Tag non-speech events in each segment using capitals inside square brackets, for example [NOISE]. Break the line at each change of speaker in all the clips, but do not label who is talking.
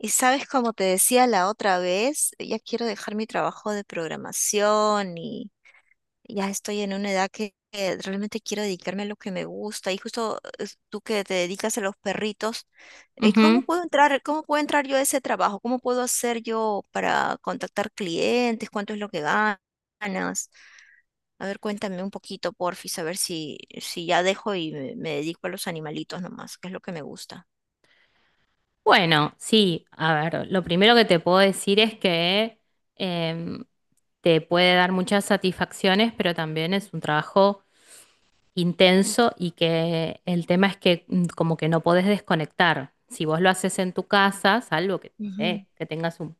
Y sabes, como te decía la otra vez, ya quiero dejar mi trabajo de programación y ya estoy en una edad que realmente quiero dedicarme a lo que me gusta. Y justo tú que te dedicas a los perritos,
Ujú.
cómo puedo entrar yo a ese trabajo? ¿Cómo puedo hacer yo para contactar clientes? ¿Cuánto es lo que ganas? A ver, cuéntame un poquito, porfis, a ver si ya dejo y me dedico a los animalitos nomás, que es lo que me gusta.
Bueno, sí, a ver, lo primero que te puedo decir es que em, te puede dar muchas satisfacciones, pero también es un trabajo intenso y que el tema es que como que no podés desconectar. Si vos lo haces en tu casa, salvo que, no
Ujú.
sé, que tengas un,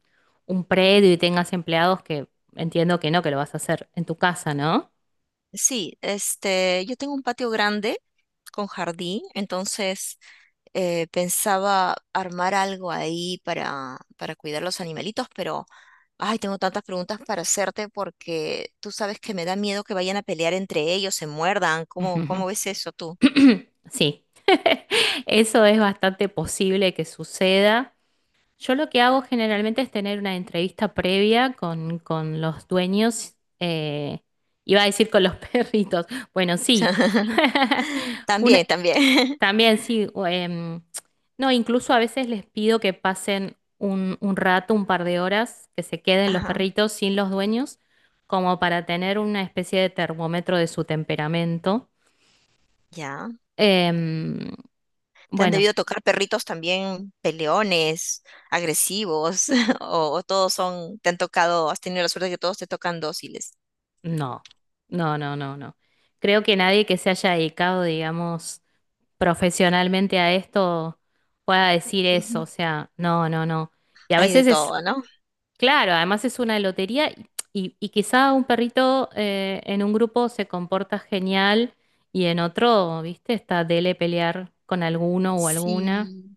un predio y tengas empleados que entiendo que no, que lo vas a hacer en tu casa, ¿no?
Sí, este, yo tengo un patio grande con jardín, entonces pensaba armar algo ahí para cuidar los animalitos, pero, ay, tengo tantas preguntas para hacerte porque tú sabes que me da miedo que vayan a pelear entre ellos, se muerdan.
Ujú.
¿Cómo, cómo ves eso tú?
Ujú. [CLEARS THROAT] Sí, [LAUGHS] eso es bastante posible que suceda. Yo lo que hago generalmente es tener una entrevista previa con, los dueños, iba a decir con los [LAUGHS] perritos, bueno, sí,
[LAUGHS]
[LAUGHS]
También,
una,
también. [LAUGHS]
también sí, o, no, incluso a veces les pido que pasen un rato, un par de horas, que se queden los
Ajá,
perritos sin los dueños, como para tener una especie de termómetro de su temperamento.
ya.
Em,
¿Te han
bueno,
debido tocar perritos también peleones, agresivos? [LAUGHS] ¿O, o todos son, te han tocado, has tenido la suerte de que todos te tocan dóciles?
no, no, no, no, no. Creo que nadie que se haya dedicado, digamos profesionalmente a esto pueda decir eso.
Ujú.
O sea, no, no, no. Y a
Hay de
veces es,
todo, ¿no?
claro, además es una lotería y, y quizá un perrito en un grupo se comporta genial y en otro, ¿viste? Está dele pelear con alguno o alguna.
Sí.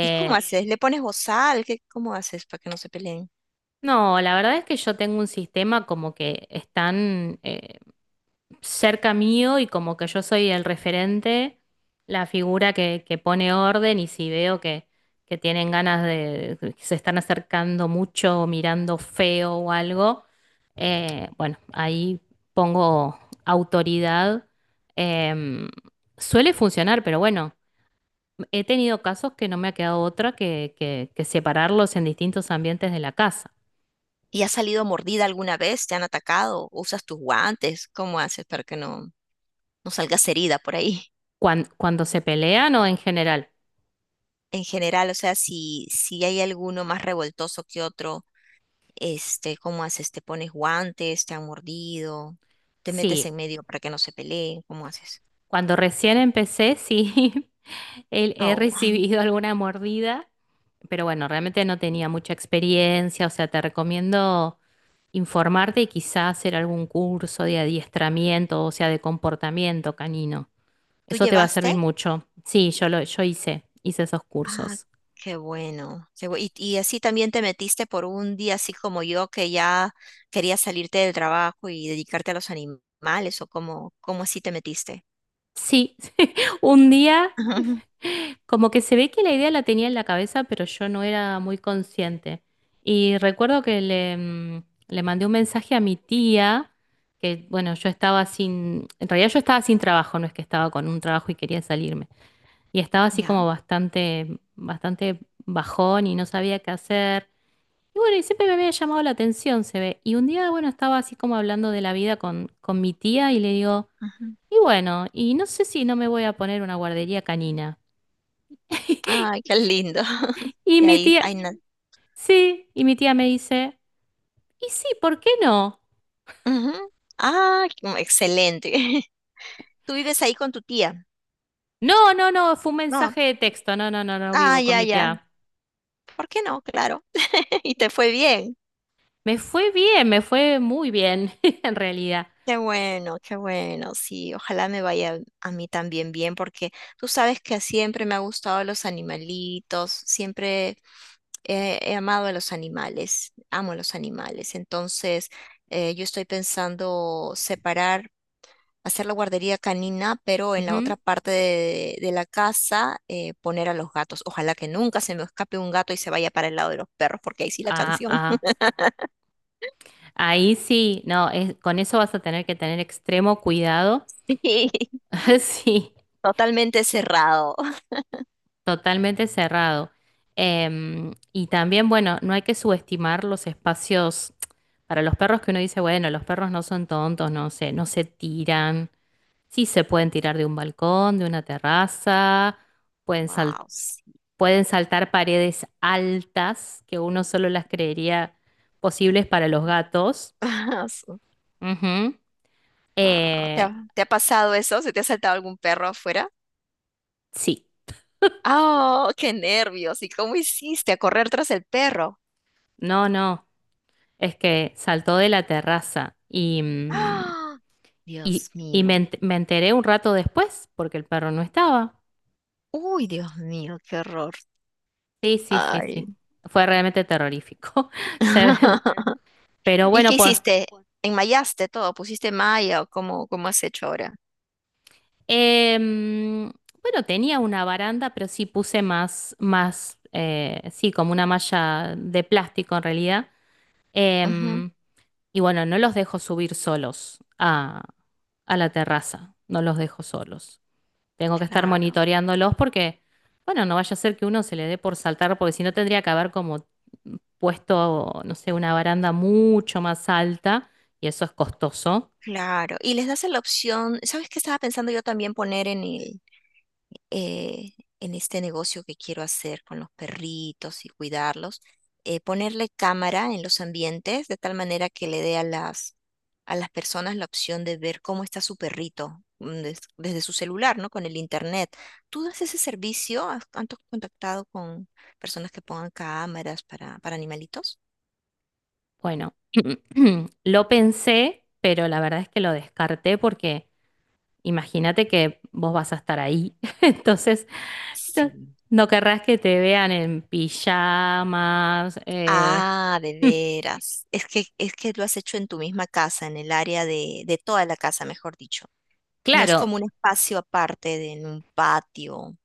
¿Y cómo haces? ¿Le pones bozal? ¿Qué, cómo haces para que no se peleen?
no, la verdad es que yo tengo un sistema como que están, cerca mío y como que yo soy el referente, la figura que pone orden y si veo que tienen ganas de, que se están acercando mucho, mirando feo o algo, bueno, ahí pongo autoridad. Em, Suele funcionar, pero bueno, he tenido casos que no me ha quedado otra que, que separarlos en distintos ambientes de la casa.
¿Y has salido mordida alguna vez? ¿Te han atacado? ¿Usas tus guantes? ¿Cómo haces para que no, no salgas herida por ahí? [LAUGHS]
Cuando, se pelean o en general.
En general, o sea, si, si hay alguno más revoltoso que otro, este, ¿cómo haces? ¿Te pones guantes? ¿Te han mordido? ¿Te metes
Sí,
en medio para que no se peleen? ¿Cómo haces?
cuando recién empecé, sí. [LAUGHS] He
Oh,
recibido [LAUGHS] alguna mordida, pero bueno, realmente no tenía mucha experiencia, o sea, te recomiendo informarte y quizás hacer algún curso de adiestramiento, o sea, de comportamiento canino.
¿tú
Eso te va a servir
llevaste?
mucho. Sí, yo lo, yo hice esos
Ah,
cursos.
qué bueno. Y así también te metiste por un día, así como yo, que ya querías salirte del trabajo y dedicarte a los animales, o cómo, cómo así te metiste.
Sí, [LAUGHS] un día
[LAUGHS] Ujú,
como que se ve que la idea la tenía en la cabeza, pero yo no era muy consciente. Y recuerdo que le mandé un mensaje a mi tía, que bueno, yo estaba sin, en realidad yo estaba sin trabajo, no es que estaba con un trabajo y quería salirme. Y estaba así
ya.
como bastante, bastante bajón y no sabía qué hacer. Y bueno, y siempre me había llamado la atención, se ve. Y un día, bueno, estaba así como hablando de la vida con mi tía y le digo.
Ujú.
Y bueno, y no sé si no me voy a poner una guardería canina.
Ay, qué lindo. [LAUGHS]
Y
Y
mi
ahí,
tía, sí, y mi tía me dice, y sí, ¿por qué no?
ujú. Ah, excelente. [LAUGHS] ¿Tú vives ahí con tu tía?
No, no, no, fue un
No.
mensaje de texto, no, no, no, no
Ah,
vivo con
ya,
mi
ya.
tía.
¿Por qué no? Claro. [LAUGHS] Y te fue bien.
Me fue bien, me fue muy bien, [LAUGHS] en realidad.
Qué bueno, sí, ojalá me vaya a mí también bien, porque tú sabes que siempre me ha gustado los animalitos, siempre he amado a los animales, amo los animales, entonces yo estoy pensando separar, hacer la guardería canina, pero en la otra
Ujú.
parte de la casa poner a los gatos. Ojalá que nunca se me escape un gato y se vaya para el lado de los perros, porque ahí sí la
Ah,
canción.
ah, ahí sí, no, es- con eso vas a tener que tener extremo cuidado.
[LAUGHS]
[LAUGHS] Sí,
Totalmente cerrado.
totalmente cerrado. Y también, bueno, no hay que subestimar los espacios para los perros que uno dice, bueno, los perros no son tontos, no se tiran. Sí se pueden tirar de un balcón, de una terraza, pueden sal-
Wow.
pueden saltar paredes altas que uno solo las creería posibles para los gatos.
Ah, su-
Ujú.
Wow.
Eh,
Te ha pasado eso? ¿Se te ha saltado algún perro afuera?
sí,
¡Oh, qué nervios! ¿Y cómo hiciste a correr tras el perro?
no, no, es que saltó de la terraza y... mm,
¡Ah! Dios
Y, y me,
mío.
ent- me enteré un rato después porque el perro no estaba.
Uy, Dios mío, qué horror.
Sí, sí, sí, sí.
Ay.
Fue realmente terrorífico. [LAUGHS] Ter-
[LAUGHS]
Pero
¿Y qué hiciste? ¿Enmayaste todo? ¿Pusiste malla o cómo, cómo has hecho ahora?
em, bueno, tenía una baranda, pero sí puse más, más, sí, como una malla de plástico en realidad.
Ujú,
Em, y bueno, no los dejo subir solos a la terraza. No los dejo solos. Tengo que estar
claro,
monitoreándolos porque, bueno, no vaya a ser que uno se le dé por saltar, porque si no tendría que haber como puesto, no sé, una baranda mucho más alta y eso es costoso.
claro. Y les das la opción, ¿sabes qué estaba pensando yo también poner en el, eh, en este negocio que quiero hacer con los perritos y cuidarlos, ponerle cámara en los ambientes de tal manera que le dé a las personas la opción de ver cómo está su perrito desde su celular, ¿no? Con el internet. ¿Tú das ese servicio? ¿Has, contactado con personas que pongan cámaras para animalitos?
Bueno, [CLEARS THROAT] lo pensé, pero la verdad es que lo descarté porque imagínate que vos vas a estar ahí. [LAUGHS] Entonces, no,
Sí.
no querrás que te vean en pijamas.
Ah, de
[LAUGHS]
veras. Es que lo has hecho en tu misma casa, en el área de toda la casa, mejor dicho. No es
Claro,
como un espacio aparte de en un patio.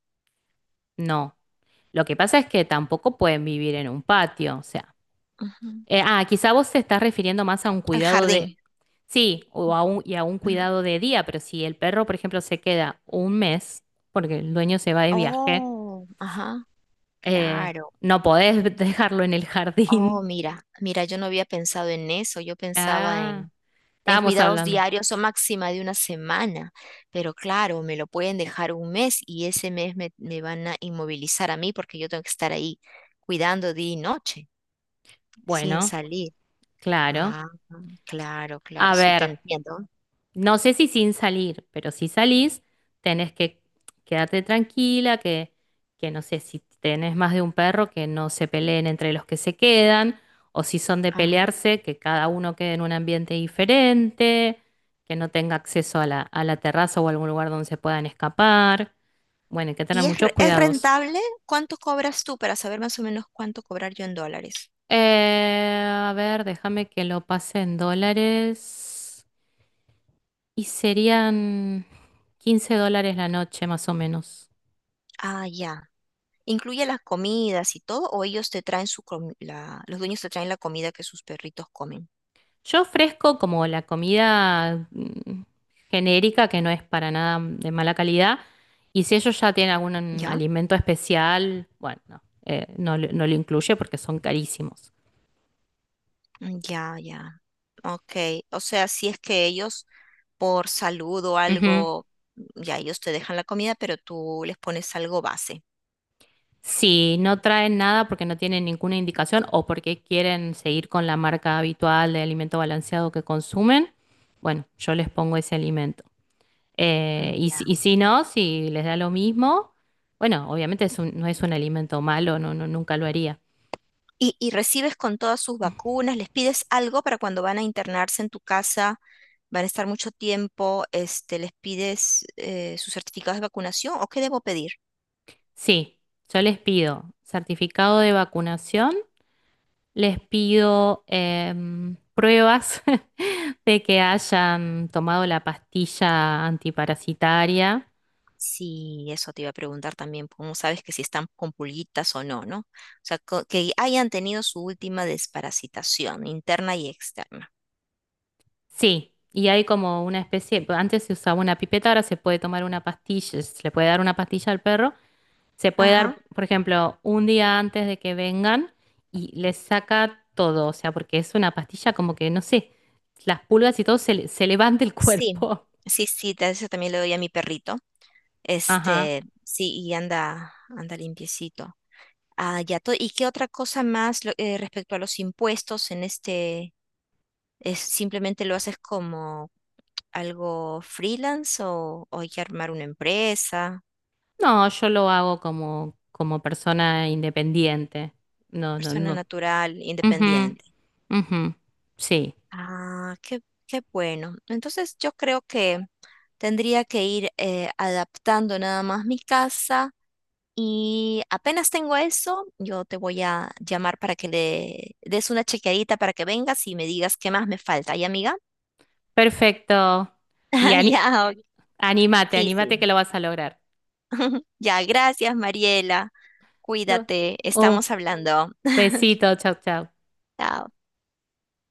no. Lo que pasa es que tampoco pueden vivir en un patio, o sea.
Ujú.
Ah, quizá vos te estás refiriendo más a un
Al
cuidado de.
jardín.
Sí, o a un
Ujú.
cuidado de día, pero si el perro, por ejemplo, se queda un mes, porque el dueño se va de viaje,
Oh, ajá,
eh,
claro.
no podés [LAUGHS] dejarlo en el
Oh,
jardín.
mira, mira, yo no había pensado en eso. Yo pensaba
Ah,
en
estábamos
cuidados
hablando.
diarios o máxima de una semana. Pero claro, me lo pueden dejar un mes y ese mes me van a inmovilizar a mí porque yo tengo que estar ahí cuidando día y noche, sin
Bueno,
salir.
claro.
Ah, claro, claro,
A
sí
ver.
te entiendo.
No sé si sin salir, pero si salís, tenés que quedarte tranquila, que no sé si tenés más de un perro, que no se peleen entre los que se quedan, o si son de pelearse, que cada uno quede en un ambiente diferente, que no tenga acceso a la terraza o algún lugar donde se puedan escapar. Bueno, hay que tener
¿Y
muchos
es
cuidados.
rentable? ¿Cuánto cobras tú para saber más o menos cuánto cobrar yo en dólares?
A ver, déjame que lo pase en dólares. Y serían $15 la noche, más o menos.
Ah, ya. ¿Incluye las comidas y todo? ¿O ellos te traen su los dueños te traen la comida que sus perritos comen?
Yo ofrezco como la comida genérica, que no es para nada de mala calidad, y si ellos ya tienen algún
¿Ya?
alimento especial, bueno, no, no, lo no lo incluye porque son carísimos.
Mm, ya, ya. Ok. O sea, si es que ellos por salud o
Ujú.
algo, ya ellos te dejan la comida, pero tú les pones algo base.
Si no traen nada porque no tienen ninguna indicación o porque quieren seguir con la marca habitual de alimento balanceado que consumen, bueno, yo les pongo ese alimento. Eh,
Mm,
y, si-
ya.
y si no, si les da lo mismo, bueno, obviamente no es un alimento malo, no, no, nunca lo haría.
Y, y recibes con todas sus vacunas, les pides algo para cuando van a internarse en tu casa, van a estar mucho tiempo, este, les pides sus certificados de vacunación o qué debo pedir.
Sí, yo les pido certificado de vacunación, les pido pruebas [LAUGHS] de que hayan tomado la pastilla antiparasitaria.
Sí, eso te iba a preguntar también, cómo sabes que si están con pulguitas o no, ¿no? O sea, que hayan tenido su última desparasitación interna y externa.
Sí, y hay como una especie, antes se usaba una pipeta, ahora se puede tomar una pastilla, se le puede dar una pastilla al perro, se puede
Ajá.
dar, por ejemplo, un día antes de que vengan y les saca todo, o sea, porque es una pastilla como que, no sé, las pulgas y todo se levanta el
Sí,
cuerpo.
sí, sí, eso también le doy a mi perrito.
[LAUGHS] Ajá.
Este, sí, y anda, anda limpiecito. Ah, ya todo. ¿Y qué otra cosa más respecto a los impuestos en este, es simplemente lo haces como algo freelance o hay que armar una empresa,
No, yo lo hago como, como persona independiente. No, no,
persona
no.
natural,
Ujú,
independiente?
ujú. Sí,
Ah, qué, qué bueno. Entonces yo creo que tendría que ir adaptando nada más mi casa. Y apenas tengo eso, yo te voy a llamar para que le des una chequeadita para que vengas y me digas qué más me falta, ¿ya, amiga?
perfecto. Y
[LAUGHS]
ani-
Ya, ok.
Anímate,
Sí,
anímate
sí.
que lo vas a lograr.
Ya, gracias, Mariela.
No.
Cuídate,
Un
estamos hablando. [LAUGHS]
besito, chao, chao.
Chao.